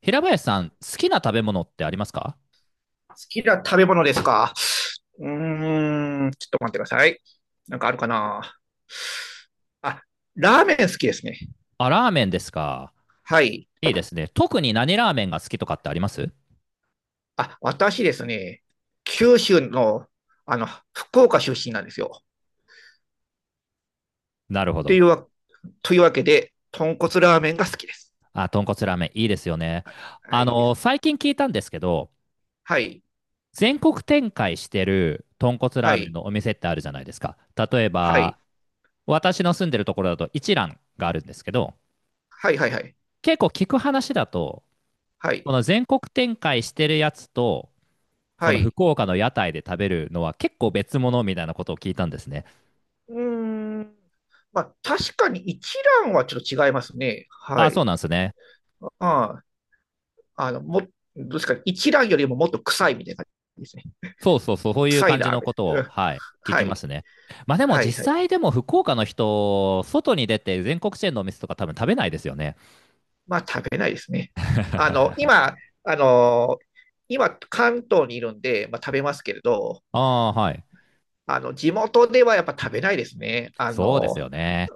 平林さん、好きな食べ物ってありますか？好きな食べ物ですか。ちょっと待ってください。なんかあるかな。あ、ラーメン好きですね。あ、ラーメンですか。はい。いいですね。特に何ラーメンが好きとかってあります？私ですね、九州の、あの、福岡出身なんですよ。なるほといど。うわ、というわけで、豚骨ラーメンが好きです。あ、豚骨ラーメン、いいですよね。はい、いいですね。最近聞いたんですけど、はい、全国展開してる豚骨はラーメンい、のお店ってあるじゃないですか。例えはい、ば、私の住んでるところだと一蘭があるんですけど、はい、はい、はい、結構聞く話だと、はい、この全国展開してるやつと、こはのい。福岡の屋台で食べるのは結構別物みたいなことを聞いたんですね。うーん。まあ、確かに一蘭はちょっと違いますね。はあ、そうい。なんですね。ああの、も、どうですか、一蘭よりももっと臭いみたいな感じですね。そうそうそう、そういう臭い感じラーのメことン。うを、ん、はい、聞はきまい。すね。まあでもはい、実はい。際でも福岡の人、外に出て全国チェーンのお店とか多分食べないですよね。まあ、食べないですね。あの、今、あの、今、関東にいるんで、まあ、食べますけれど、ああ、はい。あの、地元ではやっぱ食べないですね。あそうですの、よね。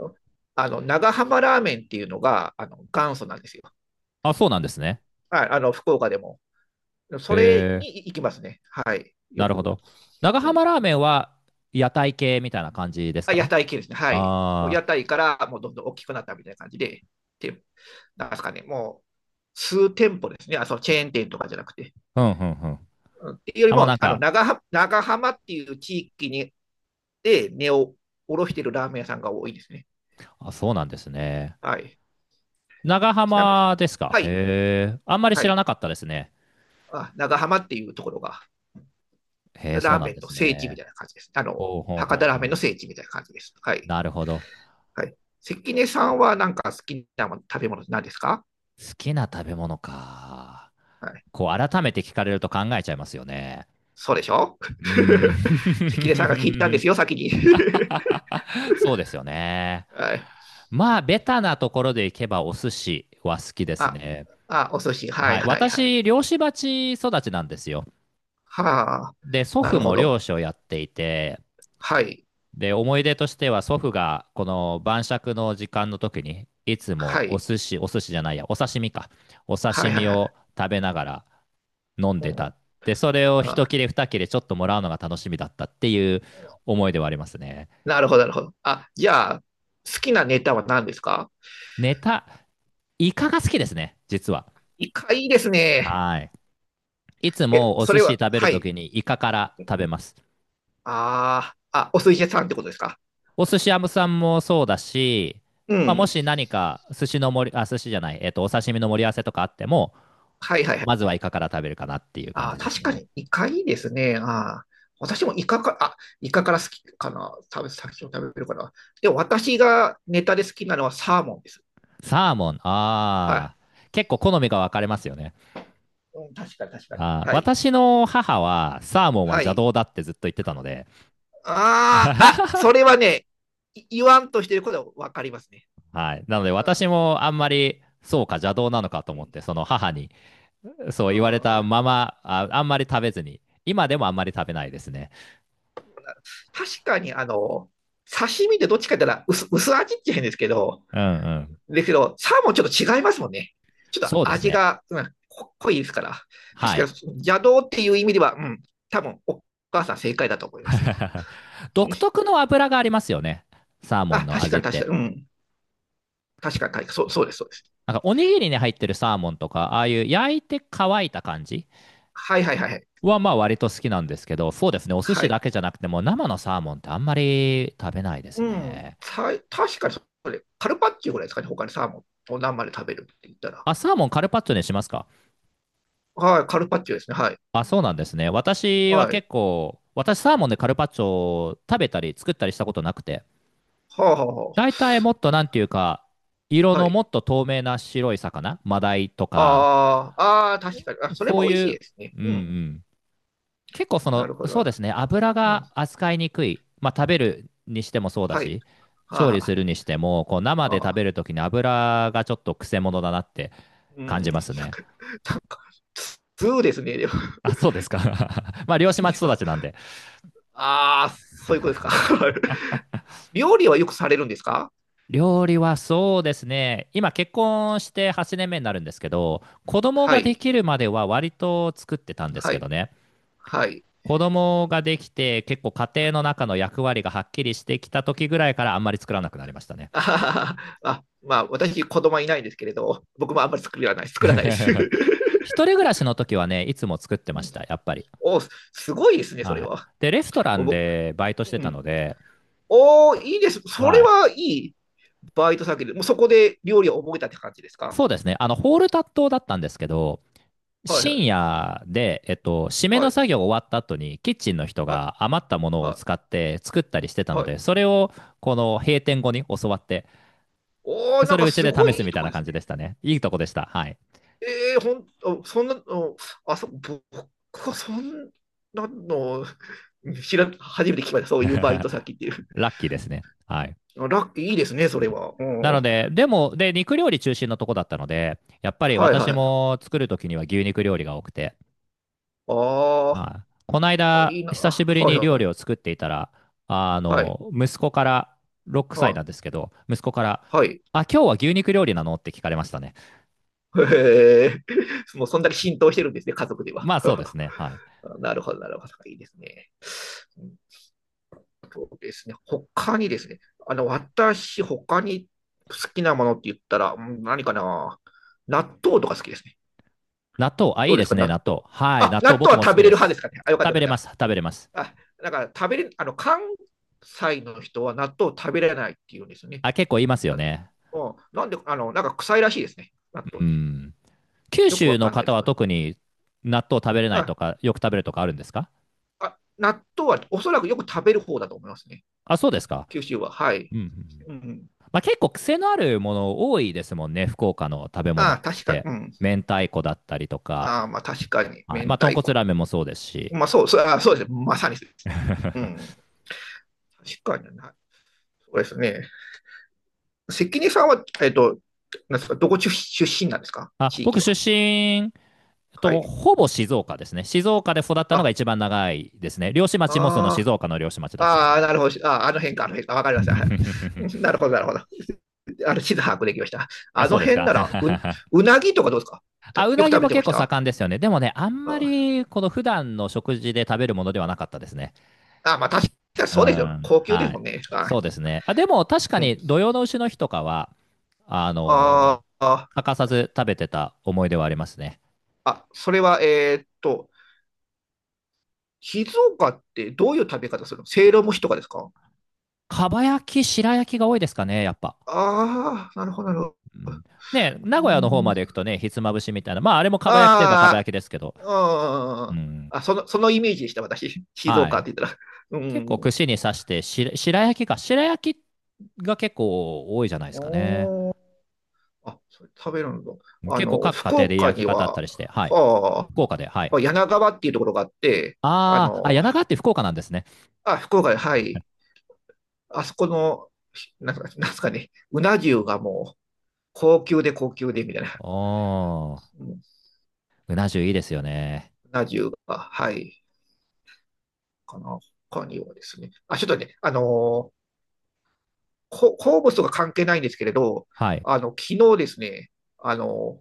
あの、長浜ラーメンっていうのが、あの、元祖なんですよ。あ、そうなんですね。はい、あの、福岡でも。へそれえ、に行きますね。はい。よなるほく。ど。長うん。浜ラーメンは屋台系みたいな感じですあ、屋か？台系ですね。はい。もうあ屋あ台からもうどんどん大きくなったみたいな感じで、てなんですかね、もう数店舗ですね。あ、そのチェーン店とかじゃなくて。ー、うんうんうん。うんっていうよりあ、もうも、なんあのか、長浜、長浜っていう地域に根を下ろしてるラーメン屋さんが多いですね。あ、そうなんですね。はい。長ちなみに、浜ですか？はい、へえ、あんまりは知らない。かったですね。あ、長浜っていうところが、へえ、そうラーなんメンでのす聖地みね。たいな感じです。あの、ほうほう博ほ多うラーメンほのう。聖地みたいな感じです。はい。なるほど。はい。関根さんはなんか好きなもの食べ物何ですか？好きな食べ物か。はい。こう、改めて聞かれると考えちゃいますよね。そうでしょ。 う 関根さんが聞いたんーですん。よ、先に。そうですよね。はい。まあ、ベタなところでいけばお寿司は好きですあ、ね。あ、お寿司。ははい、い。はい、はい。私、漁師鉢育ちなんですよ。はあ、で、祖な父るほも漁ど。師をやっていて、はい。で、思い出としては祖父がこの晩酌の時間の時に、いつはもおい。寿司、お寿司じゃないや、お刺身か。おは刺い、はい、身はい。を食べながら、飲んうでん。た。で、それを一あ、切れ二切れちょっともらうのが楽しみだったっていう思いではありますね。なるほど、なるほど。あ、じゃあ、好きなネタは何ですか？ネタ、イカが好きですね、実は。イカいいですね。はい。いつえ、もおそ寿れ司は、食べるはとい。きにイカから食べます。ああ、あ、お寿司屋さんってことですか？お寿司屋さんもそうだし、うまあ、もん。し何か寿司の盛り、あ、寿司じゃない、お刺身の盛り合わせとかあっても、はい、はい、はまずい。はイカから食べるかなっていう感ああ、じです確かね。にイカいいですね。ああ、私もイカか、あ、イカから好きかな。先を食べるかな。でも私がネタで好きなのはサーモンです。サーモン、はああ、結構好みが分かれますよね。い。うん、確かに確かに。あーはい。私の母はサーモンはは邪い。道だってずっと言ってたので、ああ、あ、それはね、言わんとしてることはわかりますね。はい。なのでうん。私もあんまりそうか邪道なのかとう思っん。てその母にそうう言われたん、ままあ、あんまり食べずに今でもあんまり食べないですね。確かに、あの、刺身でどっちかって言ったら薄味っちゃうんですけど、うんうん。ですけど、サーモンちょっと違いますもんね。ちょっとそうです味ね。が、うん、濃いですから。確はかい。に邪道っていう意味では、うん、多分お母さん正解だと思います。独特の油がありますよね。サーモンあ、の確か味っに確かて。に、うん、確かに確かに、そうです、そうです。なんかおにぎりに入ってるサーモンとか、ああいう焼いて乾いた感じはい、はい、はい、はい。はまあ割と好きなんですけど、そうですね。お寿司だけじゃなくても生のサーモンってあんまり食べないですうん、ね。た確かに、それ、カルパッチョぐらいですかね、他にサーモンを生で食べるって言ったら。あ、サーモンカルパッチョにしますか？はい、カルパッチョですね、はい。あ、そうなんですね。私ははい。結構、私サーモンでカルパッチョを食べたり作ったりしたことなくて、はあ、はあは大体もっとなんていうか、色はのい。もっと透明な白い魚、マダイとか、ああ、ああ、確かに。あ、それそうも美味いしいう、ですね。うんううん。ん。結構そなの、るほど。そうですね、油うん。が扱いにくい。まあ食べるにしてもそうだはい。し、は調あ理はすあ、るにしても、こう生で食ああ、べるときに油がちょっとくせ者だなってう感ん、じなんまか、すね。なんか、そうですね、でも、あ、そうですか。まあ漁責師任町育者ちなんで。ああ、そういうことですか。料理はよくされるんですか？料理はそうですね。今結婚して8年目になるんですけど、子供はがでい、きるまでは割と作ってたんですはけどい、ね。はい。子供ができて結構家庭の中の役割がはっきりしてきた時ぐらいからあんまり作らなくなりましたね。あはははあ、まあ、私、子供はいないんですけれど、僕もあんまり作らないです。一人暮らしの時はね、いつも作ってうまんした、やっぱり。お、すごいですね、それはい。は。で、レストラお、ンぼでバイトしてうたん、ので、おー、いいです。それはい。はいい。バイト先で、もうそこで料理を覚えたって感じですか？そうですね。あの、ホールタットだったんですけど、はい、はい。深夜で、締めはのい。作業終わった後に、キッチンの人はい。が余ったものをは使って作ったりしてたい。のはで、い。それを、この閉店後に教わって、おでー、そなんれをかうちすでご試いすいいみとたいこなで感すじね。でしたね。いいとこでした。はい。えー、ほん、あそんな、のあ、そ、僕はそんなの、初めて聞きました。そういうバイト先っていう。ラッキーですね。はい。あ、ラッキーいいですね、そうれんは。うなん。のはで、でも、で、肉料理中心のとこだったので、やっぱい、り私はい。も作るときには牛肉料理が多くて、あはい。このーあ、間、いいな。久しあ、ぶりはい、に料は理い。を作っていたら、はい。息子から、6は歳なんでい。すけど、息子から、はい。あ、今日は牛肉料理なのって聞かれましたね。へえ。もうそんだけ浸透してるんですね、家族では。まあそうです ね。はい。なるほど、なるほど。いいですね。他にですね、あの、私、他に好きなものって言ったら、うん、何かな。納豆とか好きですね。納豆、あ、いどいうでですすか、ね、納納豆。豆。はい、あ、納納豆僕豆はも好食きべれでる派ですす。かね。あ、よかっ食た、よべかっれまた。す、食べれます。あ、だから食べれ、あの、関西の人は納豆を食べれないっていうんですよね。あ、結構言いますよ納ね。豆なんで、あの、なんか臭いらしいですね、納豆うって。ん。九よく州わかのんないで方すはか。特に納豆食べれないあ、とか、よく食べるとかあるんですか？あ、納豆はおそらくよく食べる方だと思いますね。あ、そうですか。九州は。はうい。んうん。うん。まあ、結構癖のあるもの多いですもんね、福岡の食べああ、物っ確かに、て。うん。明太子だったりとか、ああ、まあ確かに、はい、明まあ、豚太骨ラー子。メンもそうですし、そうですね。まさにそうですね。うん。確かにな。そうですね。関根さんは、えっと、なんですか、どこ出身なんですか、あ、地僕域出は。身はとい。ほぼ静岡ですね。静岡で育ったのがあ、一番長いですね。漁師町もその静あー、岡の漁師町だったのあー、で。なるほど。あー、あの辺か、あの辺か。わかりました。は い。 なるほど、なるほど。あの、地図把握できました。あ、あのそうです辺か。なら、うなぎとかどうですか？たあ、ようくなぎ食べもてま結し構た。盛んですよね。でもね、あんまありこの普段の食事で食べるものではなかったですね。あ、まあ確かにうそうですよ。ん、高級ではすもい。んね。はい。そうですね。あ、でも確かうん。に土用の丑の日とかは、あのあーーあ、欠かさず食べてた思い出はありますね。あ、それは、えーっと、静岡ってどういう食べ方するの、せいろ蒸しとかですか？かば焼き、白焼きが多いですかね、やっぱ。ああ、なるほど、なるほど。うん、ね、う名古屋の方まん、で行くとね、ひつまぶしみたいな、まああれもかば焼きといえばかばあ焼きですけど、あ、ううん。ん、あ、そのイメージでした、私。静は岡っい。て言ったら。う結構ん。串に刺してし、白焼きか、白焼きが結構多いじゃないですかね。おー、あ、それ食べるんだ。あ結構の、各家福庭で岡焼にき方あったは、りして、はい。は福岡で、はい。あ、柳川っていうところがあって、ああーあ、の、柳川って福岡なんですね。あ、福岡で、はい。あそこの、なんすかね、うな重がもう、高級で高級で、みたいな。おーうん、ううな重いいですよね。な重が、はい。かな。他にはですね。あ、ちょっとね、あのー、こ物とか関係ないんですけれど、はい。あの、昨日ですね、あの、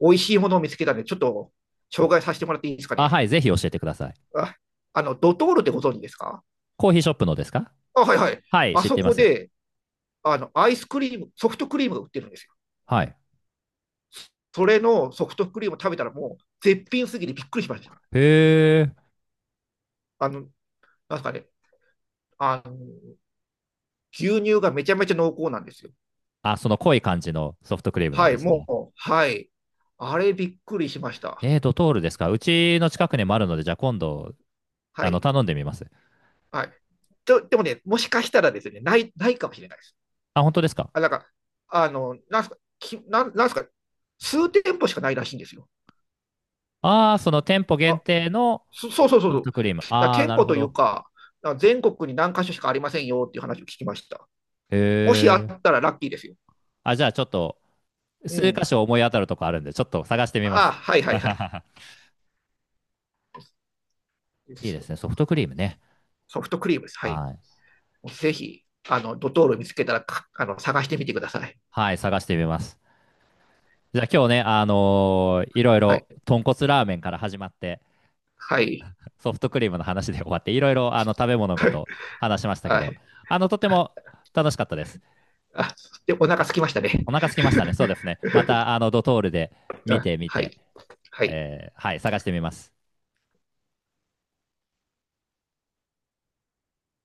美味しいものを見つけたんで、ちょっと紹介させてもらっていいですかあ、ね。はい。ぜひ教えてください。あ、あの、ドトールってご存知ですか？コーヒーショップのですか？あ、はい、はい。はい。あ知っそていまこす。で、あの、アイスクリーム、ソフトクリームが売ってるんですよ。はい。それのソフトクリームを食べたらもう絶品すぎてびっくりしました。へえ。あの、なんすかね、あの、牛乳がめちゃめちゃ濃厚なんですよ。あ、その濃い感じのソフトクリームなんはい、ですもね。う、はい。あれびっくりしました。えー、ドトールですか？うちの近くにもあるので、じゃあ今度、はい。頼んでみます。はい。と、でもね、もしかしたらですね、ないかもしれないです。あ、本当ですか？あ、なんか、あの、なんすか、き、なん、なんすか、数店舗しかないらしいんですよ。ああー、その店舗限あ、定のそうそうそうソそフう。トクリーム。きあああ、店なる舗ほというど。か、あ、全国に何箇所しかありませんよっていう話を聞きました。へもしあっえ。たらラッキーですよ。あ、じゃあちょっと、う数箇ん。所思い当たるとこあるんで、ちょっと探してみまあ、す。はい、 はい、はい。でいいですすよ。ね。ソフトクリームね。ソフトクリームです。はい。はい。ぜひ、あの、ドトール見つけたら、あの、探してみてください。はい、探してみます。じゃあ今日ね、いろいはろい。豚骨ラーメンから始まってはい。ソフトクリームの話で終わっていろいろあの食べ物のこと話しましたけはどい。あのとてあ、も楽しかったです。あ、で、お腹空きあ、ましたね。お腹空きましたね。そうですね。またあのドトールで見あ、てみはて、い。はい。えーはい、探してみます。